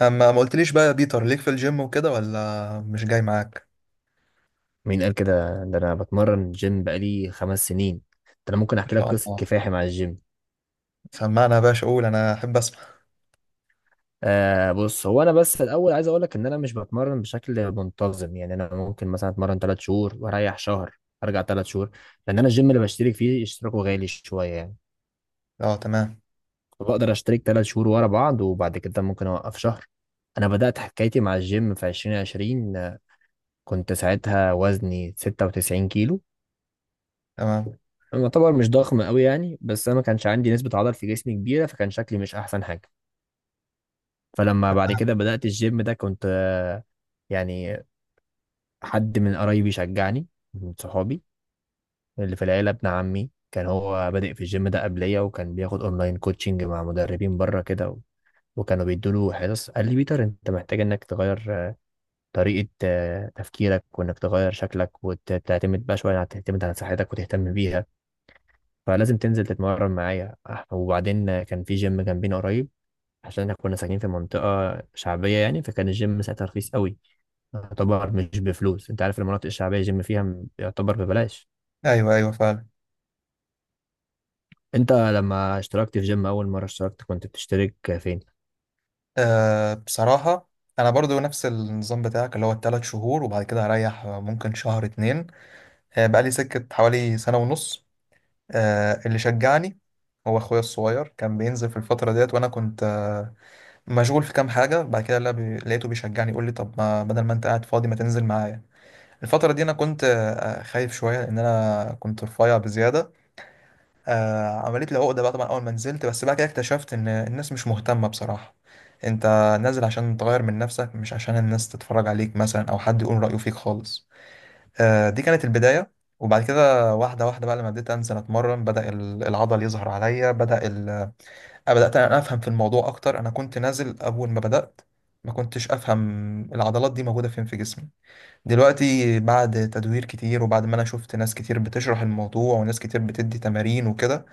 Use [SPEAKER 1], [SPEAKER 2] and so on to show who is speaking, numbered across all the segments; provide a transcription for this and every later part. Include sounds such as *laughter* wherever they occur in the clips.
[SPEAKER 1] اما ما قلتليش بقى يا بيتر ليك في الجيم وكده ولا مش جاي معاك؟
[SPEAKER 2] مين قال كده؟ ده انا بتمرن جيم بقالي خمس سنين. ده انا ممكن
[SPEAKER 1] ما
[SPEAKER 2] احكي لك
[SPEAKER 1] شاء
[SPEAKER 2] قصه
[SPEAKER 1] الله.
[SPEAKER 2] كفاحي مع الجيم.
[SPEAKER 1] سمعنا يا باشا، قول، انا احب اسمع.
[SPEAKER 2] آه، بص، هو انا بس الاول عايز اقول لك ان انا مش بتمرن بشكل منتظم. يعني انا ممكن مثلا اتمرن ثلاث شهور واريح شهر، ارجع ثلاث شهور. لان انا الجيم اللي بشترك فيه اشتراكه غالي شويه يعني،
[SPEAKER 1] اه، تمام.
[SPEAKER 2] فبقدر اشترك ثلاث شهور ورا بعض وبعد كده ممكن اوقف شهر. انا بدات حكايتي مع الجيم في 2020 كنت ساعتها وزني 96 كيلو.
[SPEAKER 1] تمام.
[SPEAKER 2] انا يعتبر مش ضخم قوي يعني، بس انا ما كانش عندي نسبة عضل في جسمي كبيرة، فكان شكلي مش احسن حاجة. فلما بعد كده بدأت الجيم ده كنت، يعني، حد من قرايبي شجعني، من صحابي. اللي في العيلة ابن عمي كان هو بادئ في الجيم ده قبليا، وكان بياخد اونلاين كوتشنج مع مدربين بره كده وكانوا بيدوله حصص. قال لي بيتر انت محتاج انك تغير، طريقة تفكيرك، وانك تغير شكلك وتعتمد بقى شوية على تعتمد على صحتك وتهتم بيها. فلازم تنزل تتمرن معايا. وبعدين كان في جيم جنبينا قريب، عشان احنا كنا ساكنين في منطقة شعبية يعني، فكان الجيم ساعتها رخيص قوي، يعتبر مش بفلوس. انت عارف المناطق الشعبية الجيم فيها يعتبر ببلاش.
[SPEAKER 1] ايوه ايوه، فعلا.
[SPEAKER 2] انت لما اشتركت في جيم اول مرة اشتركت كنت بتشترك فين؟
[SPEAKER 1] أه، بصراحه انا برضو نفس النظام بتاعك، اللي هو الثلاث شهور وبعد كده هريح ممكن شهر اتنين. أه، بقى لي سكه حوالي سنه ونص. أه، اللي شجعني هو اخويا الصغير، كان بينزل في الفتره ديت وانا كنت مشغول في كام حاجه. بعد كده لا بي- لقيته بيشجعني، يقول لي طب ما بدل ما انت قاعد فاضي ما تنزل معايا. الفترة دي أنا كنت خايف شوية، لأن أنا كنت رفيع بزيادة. عملت لي عقدة بقى طبعا أول ما نزلت، بس بعد كده اكتشفت إن الناس مش مهتمة بصراحة. أنت نازل عشان تغير من نفسك، مش عشان الناس تتفرج عليك مثلا أو حد يقول رأيه فيك خالص. دي كانت البداية. وبعد كده واحدة واحدة بقى، لما بديت أنزل أتمرن بدأ العضل يظهر عليا، بدأ بدأت أنا أفهم في الموضوع أكتر. أنا كنت نازل أول ما بدأت ما كنتش أفهم العضلات دي موجودة فين في جسمي. دلوقتي بعد تدوير كتير، وبعد ما انا شفت ناس كتير بتشرح الموضوع وناس كتير بتدي تمارين وكده،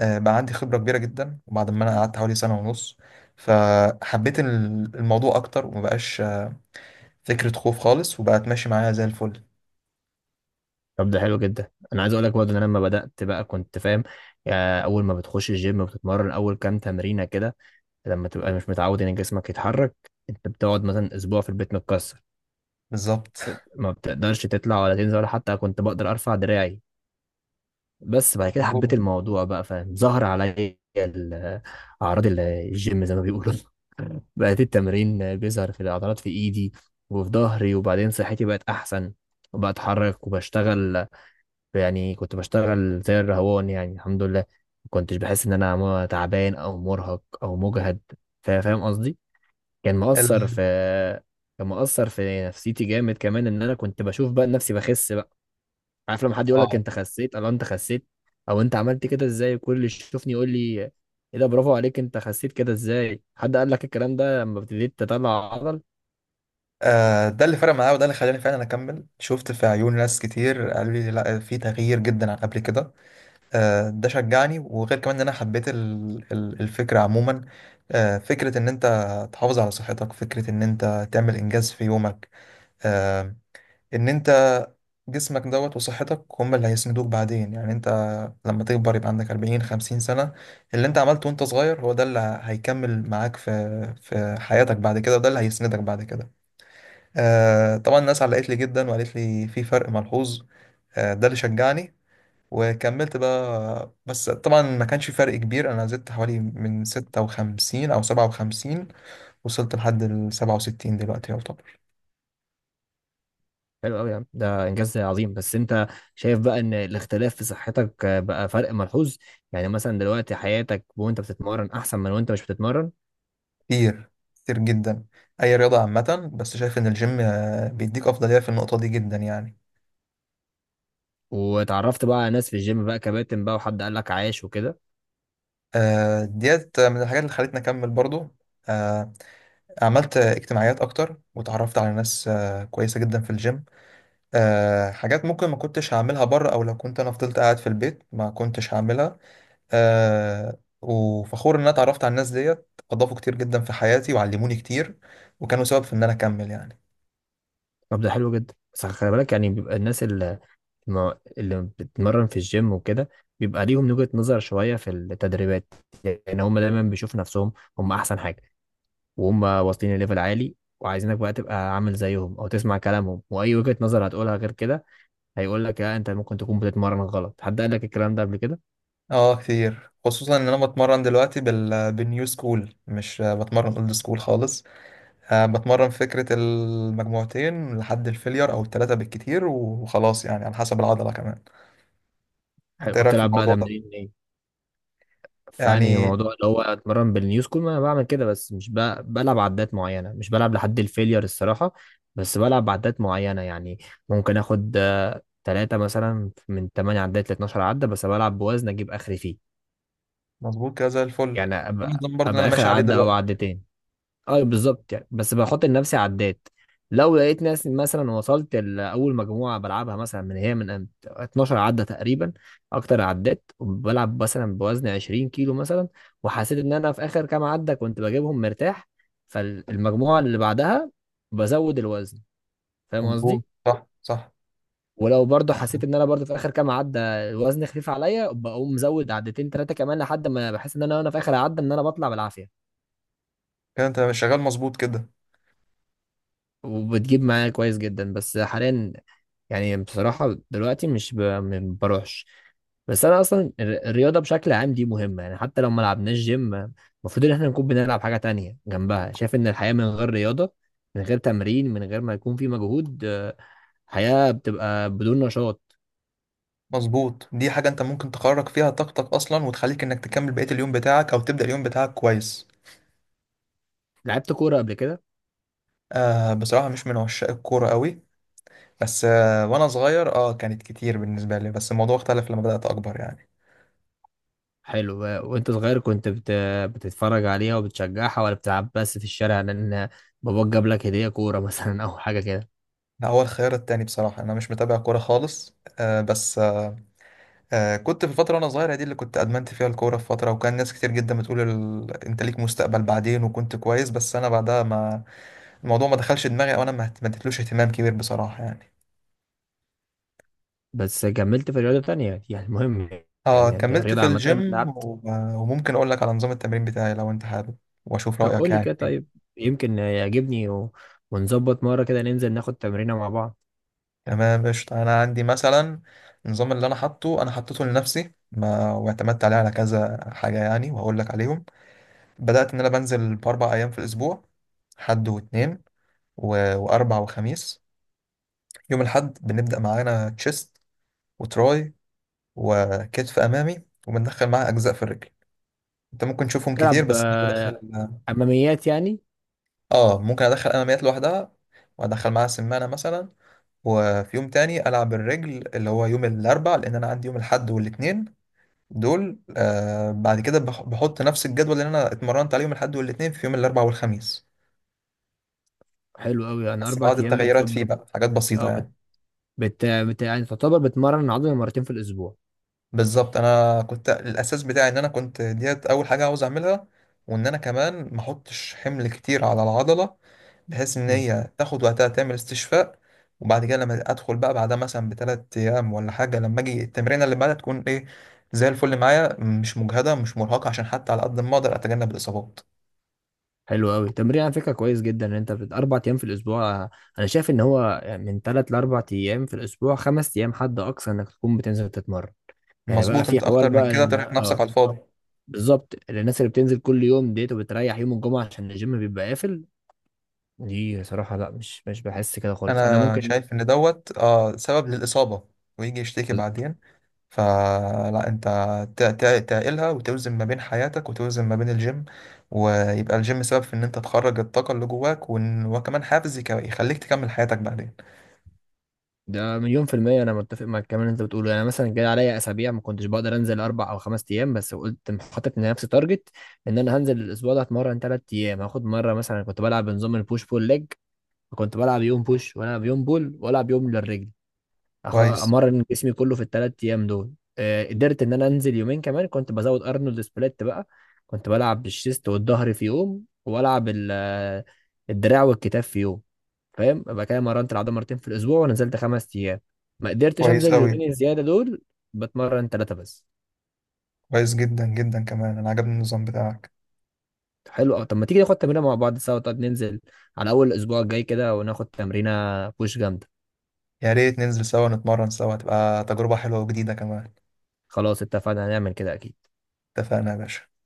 [SPEAKER 1] بقى عندي خبرة كبيرة جدا. وبعد ما انا قعدت حوالي سنة ونص فحبيت الموضوع اكتر، ومبقاش فكرة خوف خالص، وبقت ماشي معايا زي الفل.
[SPEAKER 2] طب ده حلو جدا. انا عايز اقول لك برضه ان انا لما بدأت بقى كنت فاهم، اول ما بتخش الجيم بتتمرن اول كام تمرينة كده، لما تبقى مش متعود ان جسمك يتحرك، انت بتقعد مثلا اسبوع في البيت متكسر،
[SPEAKER 1] بالظبط. *laughs*
[SPEAKER 2] ما بتقدرش تطلع ولا تنزل ولا حتى كنت بقدر ارفع دراعي. بس بعد كده حبيت
[SPEAKER 1] مظبوط.
[SPEAKER 2] الموضوع بقى فاهم، ظهر عليا اعراض الجيم زي ما بيقولوا. *laughs* بقت التمرين بيظهر في العضلات، في ايدي وفي ظهري، وبعدين صحتي بقت احسن وبتحرك وبشتغل. يعني كنت بشتغل زي الرهوان يعني، الحمد لله ما كنتش بحس ان انا تعبان او مرهق او مجهد. فاهم قصدي؟ كان مؤثر
[SPEAKER 1] ال...
[SPEAKER 2] في، كان مؤثر في نفسيتي جامد كمان، ان انا كنت بشوف بقى نفسي بخس. عارف لما حد يقول لك
[SPEAKER 1] اه
[SPEAKER 2] انت خسيت، الله انت خسيت، او انت عملت كده ازاي؟ كل اللي يشوفني يقول لي ايه ده، برافو عليك، انت خسيت كده ازاي؟ حد قال لك الكلام ده لما ابتديت تطلع عضل؟
[SPEAKER 1] ده اللي فرق معايا وده اللي خلاني فعلا اكمل. شفت في عيون ناس كتير قالوا لي لا، في تغيير جدا عن قبل كده. ده شجعني. وغير كمان ان انا حبيت الفكره عموما. فكره ان انت تحافظ على صحتك، فكره ان انت تعمل انجاز في يومك، آه، ان انت جسمك دوت وصحتك هم اللي هيسندوك بعدين. يعني انت لما تكبر يبقى عندك 40 50 سنه، اللي انت عملته وانت صغير هو ده اللي هيكمل معاك في في حياتك بعد كده، وده اللي هيسندك بعد كده. طبعا الناس علقت لي جدا وقالت لي في فرق ملحوظ. ده اللي شجعني وكملت بقى. بس طبعا ما كانش في فرق كبير، انا زدت حوالي من 56 او 57، وصلت لحد ال 67 دلوقتي، يعتبر
[SPEAKER 2] حلو قوي يا عم، ده انجاز عظيم. بس انت شايف بقى ان الاختلاف في صحتك بقى فرق ملحوظ؟ يعني مثلا دلوقتي حياتك وانت بتتمرن احسن من وانت مش بتتمرن؟
[SPEAKER 1] كتير، كتير جدا. اي رياضة عامة، بس شايف ان الجيم بيديك افضلية في النقطة دي جدا يعني.
[SPEAKER 2] وتعرفت بقى على ناس في الجيم بقى، كباتن بقى وحد قال لك عايش وكده؟
[SPEAKER 1] ديت من الحاجات اللي خلتني اكمل برضو. آه، عملت اجتماعيات اكتر وتعرفت على ناس كويسة جدا في الجيم. حاجات ممكن ما كنتش هعملها بره، او لو كنت انا فضلت قاعد في البيت ما كنتش هعملها. آه، وفخور ان انا اتعرفت على الناس ديت، اضافوا كتير جدا في حياتي وعلموني كتير، وكانوا سبب في ان انا اكمل يعني.
[SPEAKER 2] طب ده حلو جدا. بس خلي بالك، يعني بيبقى الناس اللي، ما اللي بتتمرن في الجيم وكده، بيبقى ليهم وجهة نظر شوية في التدريبات. يعني هم دايما بيشوفوا نفسهم هم أحسن حاجة، وهم واصلين لليفل عالي وعايزينك بقى تبقى عامل زيهم أو تسمع كلامهم، وأي وجهة نظر هتقولها غير كده هيقول لك لا، أنت ممكن تكون بتتمرن غلط. حد قال لك الكلام ده قبل كده؟
[SPEAKER 1] اه كتير، خصوصا ان انا بتمرن دلوقتي بالنيو سكول، مش بتمرن اولد سكول خالص. آه، بتمرن فكرة المجموعتين لحد الفيلير او التلاتة بالكتير وخلاص، يعني على حسب العضلة كمان.
[SPEAKER 2] حلو،
[SPEAKER 1] انت ايه رايك في
[SPEAKER 2] وبتلعب بقى
[SPEAKER 1] الموضوع ده؟
[SPEAKER 2] تمرين إيه؟ فأنهي
[SPEAKER 1] يعني
[SPEAKER 2] موضوع اللي هو أتمرن بالنيو سكول. ما أنا بعمل كده، بس مش بقى بلعب عدات معينة، مش بلعب لحد الفيلير الصراحة. بس بلعب عدات معينة يعني، ممكن آخد تلاتة مثلا من تمانية عدات لاتناشر عدة، بس بلعب بوزن أجيب آخري فيه.
[SPEAKER 1] مظبوط كده، زي الفل
[SPEAKER 2] يعني
[SPEAKER 1] ده
[SPEAKER 2] أبقى
[SPEAKER 1] النظام برضه اللي انا
[SPEAKER 2] أبقى آخر
[SPEAKER 1] ماشي عليه
[SPEAKER 2] عدة أو
[SPEAKER 1] دلوقتي.
[SPEAKER 2] عدتين. أه بالظبط، يعني بس بحط لنفسي عدات. لو لقيت ناس مثلا وصلت لأول مجموعة بلعبها مثلا من هي من 12 عدة تقريبا، أكتر عدات، وبلعب مثلا بوزن 20 كيلو مثلا، وحسيت إن أنا في آخر كام عدة كنت بجيبهم مرتاح، فالمجموعة اللي بعدها بزود الوزن. فاهم
[SPEAKER 1] مظبوط،
[SPEAKER 2] قصدي؟
[SPEAKER 1] صح صح.
[SPEAKER 2] ولو برضه حسيت
[SPEAKER 1] آه،
[SPEAKER 2] ان انا برضه في اخر كام عده الوزن خفيف عليا، بقوم مزود عدتين ثلاثه كمان لحد ما بحس ان انا وانا في اخر عده ان انا بطلع بالعافيه.
[SPEAKER 1] كده انت شغال مظبوط كده.
[SPEAKER 2] وبتجيب معايا كويس جدا. بس حاليا يعني بصراحه دلوقتي مش ب... ما بروحش. بس انا اصلا الرياضه بشكل عام دي مهمه، يعني حتى لو ما لعبناش جيم المفروض ان احنا نكون بنلعب حاجه تانية جنبها. شايف ان الحياه من غير رياضه، من غير تمرين، من غير ما يكون في مجهود، حياه بتبقى بدون نشاط.
[SPEAKER 1] مظبوط، دي حاجة انت ممكن تخرج فيها طاقتك اصلا، وتخليك انك تكمل بقية اليوم بتاعك او تبدأ اليوم بتاعك كويس.
[SPEAKER 2] لعبت كوره قبل كده؟
[SPEAKER 1] آه بصراحة مش من عشاق الكورة قوي. بس آه، وانا صغير اه كانت كتير بالنسبة لي، بس الموضوع اختلف لما بدأت اكبر يعني.
[SPEAKER 2] حلو. وانت صغير كنت بتتفرج عليها وبتشجعها ولا بتلعب بس في الشارع، لان باباك جاب لك هدية كورة *laughs* مثلا او حاجة كده؟
[SPEAKER 1] ده هو الخيار التاني، بصراحة انا مش متابع كورة خالص. آه بس آه، كنت في الفترة وانا صغير دي اللي كنت ادمنت فيها الكورة في فترة، وكان ناس كتير جدا بتقول انت ليك مستقبل بعدين، وكنت كويس. بس انا بعدها ما الموضوع ما دخلش دماغي، او انا ما اديتلوش اهتمام كبير بصراحة يعني.
[SPEAKER 2] بس كملت في رياضة تانية يعني المهم،
[SPEAKER 1] اه
[SPEAKER 2] يعني
[SPEAKER 1] كملت
[SPEAKER 2] الرياضة
[SPEAKER 1] في
[SPEAKER 2] عامة
[SPEAKER 1] الجيم
[SPEAKER 2] لعبت.
[SPEAKER 1] وممكن اقول لك على نظام التمرين بتاعي لو انت حابب، واشوف
[SPEAKER 2] طب
[SPEAKER 1] رأيك
[SPEAKER 2] قول لي كده
[SPEAKER 1] يعني فيه.
[SPEAKER 2] طيب، يمكن يعجبني ونظبط مرة كده ننزل ناخد تمرينة مع بعض.
[SPEAKER 1] تمام قشطة. انا عندي مثلا النظام اللي انا حاطه، انا حطيته لنفسي ما واعتمدت عليه على كذا حاجة يعني، وهقول لك عليهم. بدأت ان انا بنزل باربع ايام في الاسبوع، حد واثنين واربع وخميس. يوم الحد بنبدأ معانا تشيست، وتراي، وكتف امامي، وبندخل معاه اجزاء في الرجل. انت ممكن تشوفهم كتير،
[SPEAKER 2] تلعب،
[SPEAKER 1] بس انا بدخل
[SPEAKER 2] أماميات يعني؟
[SPEAKER 1] اه، ممكن ادخل اماميات لوحدها، وادخل معاها سمانه مثلا. وفي يوم تاني العب الرجل، اللي هو يوم الاربع، لان انا عندي يوم الاحد والاثنين دول. آه، بعد كده بحط نفس الجدول اللي انا اتمرنت عليه يوم الاحد والاثنين في يوم الاربع والخميس،
[SPEAKER 2] حلو قوي، أنا
[SPEAKER 1] بس
[SPEAKER 2] أربع
[SPEAKER 1] بعض
[SPEAKER 2] أيام
[SPEAKER 1] التغيرات
[SPEAKER 2] بتظبط.
[SPEAKER 1] فيه بقى، حاجات بسيطه
[SPEAKER 2] أه
[SPEAKER 1] يعني.
[SPEAKER 2] يعني تعتبر بتمرن العضلة مرتين في الأسبوع.
[SPEAKER 1] بالظبط، انا كنت الاساس بتاعي ان انا كنت ديت اول حاجه عاوز اعملها، وان انا كمان ما احطش حمل كتير على العضله، بحيث ان
[SPEAKER 2] مم.
[SPEAKER 1] هي تاخد وقتها تعمل استشفاء. وبعد كده لما ادخل بقى بعدها مثلا بثلاث ايام ولا حاجه، لما اجي التمرين اللي بعدها تكون ايه زي الفل معايا، مش مجهده مش مرهقه، عشان حتى على قد ما اقدر اتجنب الاصابات.
[SPEAKER 2] حلو قوي، تمرين على فكره كويس جدا ان انت اربع ايام في الاسبوع. انا شايف ان هو من ثلاث لاربع ايام في الاسبوع، خمس ايام حد اقصى انك تكون بتنزل تتمرن. يعني بقى
[SPEAKER 1] مظبوط،
[SPEAKER 2] في
[SPEAKER 1] انت
[SPEAKER 2] حوار
[SPEAKER 1] اكتر من
[SPEAKER 2] بقى
[SPEAKER 1] كده
[SPEAKER 2] ان
[SPEAKER 1] ترهق نفسك
[SPEAKER 2] اه
[SPEAKER 1] على الفاضي.
[SPEAKER 2] بالظبط الناس اللي بتنزل كل يوم ديت وبتريح يوم الجمعه عشان الجيم بيبقى قافل، دي صراحه لا، مش بحس كده خالص. انا
[SPEAKER 1] انا
[SPEAKER 2] ممكن
[SPEAKER 1] شايف ان دوت آه، سبب للاصابه، ويجي يشتكي بعدين. فلا، انت تعقلها وتوزن ما بين حياتك وتوزن ما بين الجيم، ويبقى الجيم سبب في ان انت تخرج الطاقة اللي جواك، وكمان حافز يخليك تكمل حياتك بعدين.
[SPEAKER 2] ده مليون في المية، أنا متفق مع الكلام اللي أنت بتقوله. يعني مثلا جاي عليا أسابيع ما كنتش بقدر أنزل أربع أو خمس أيام، بس قلت حاطط لنفسي تارجت إن أنا هنزل الأسبوع ده أتمرن تلات أيام. هاخد مرة مثلا كنت بلعب بنظام البوش بول ليج، كنت بلعب يوم بوش وألعب يوم بول وألعب يوم للرجل.
[SPEAKER 1] كويس.
[SPEAKER 2] أمرن جسمي كله في التلات أيام دول. آه، قدرت إن أنا أنزل يومين كمان، كنت بزود أرنولد سبليت بقى. كنت بلعب بالشيست والظهر في يوم وألعب الدراع والكتاف في يوم. فاهم؟ يبقى كده مرنت العضله مرتين في الاسبوع ونزلت خمس ايام. ما قدرتش
[SPEAKER 1] كويس
[SPEAKER 2] انزل
[SPEAKER 1] قوي.
[SPEAKER 2] اليومين الزياده دول، بتمرن ثلاثه بس.
[SPEAKER 1] كويس جدا جدا، كمان انا عجبني النظام بتاعك.
[SPEAKER 2] حلو أوي. طب ما تيجي ناخد تمرينه مع بعض سوا؟ طب ننزل على اول الاسبوع الجاي كده وناخد تمرينه بوش جامده.
[SPEAKER 1] يا ريت ننزل سوا نتمرن سوا، تبقى تجربة حلوة وجديدة كمان.
[SPEAKER 2] خلاص اتفقنا، هنعمل كده اكيد.
[SPEAKER 1] اتفقنا يا باشا.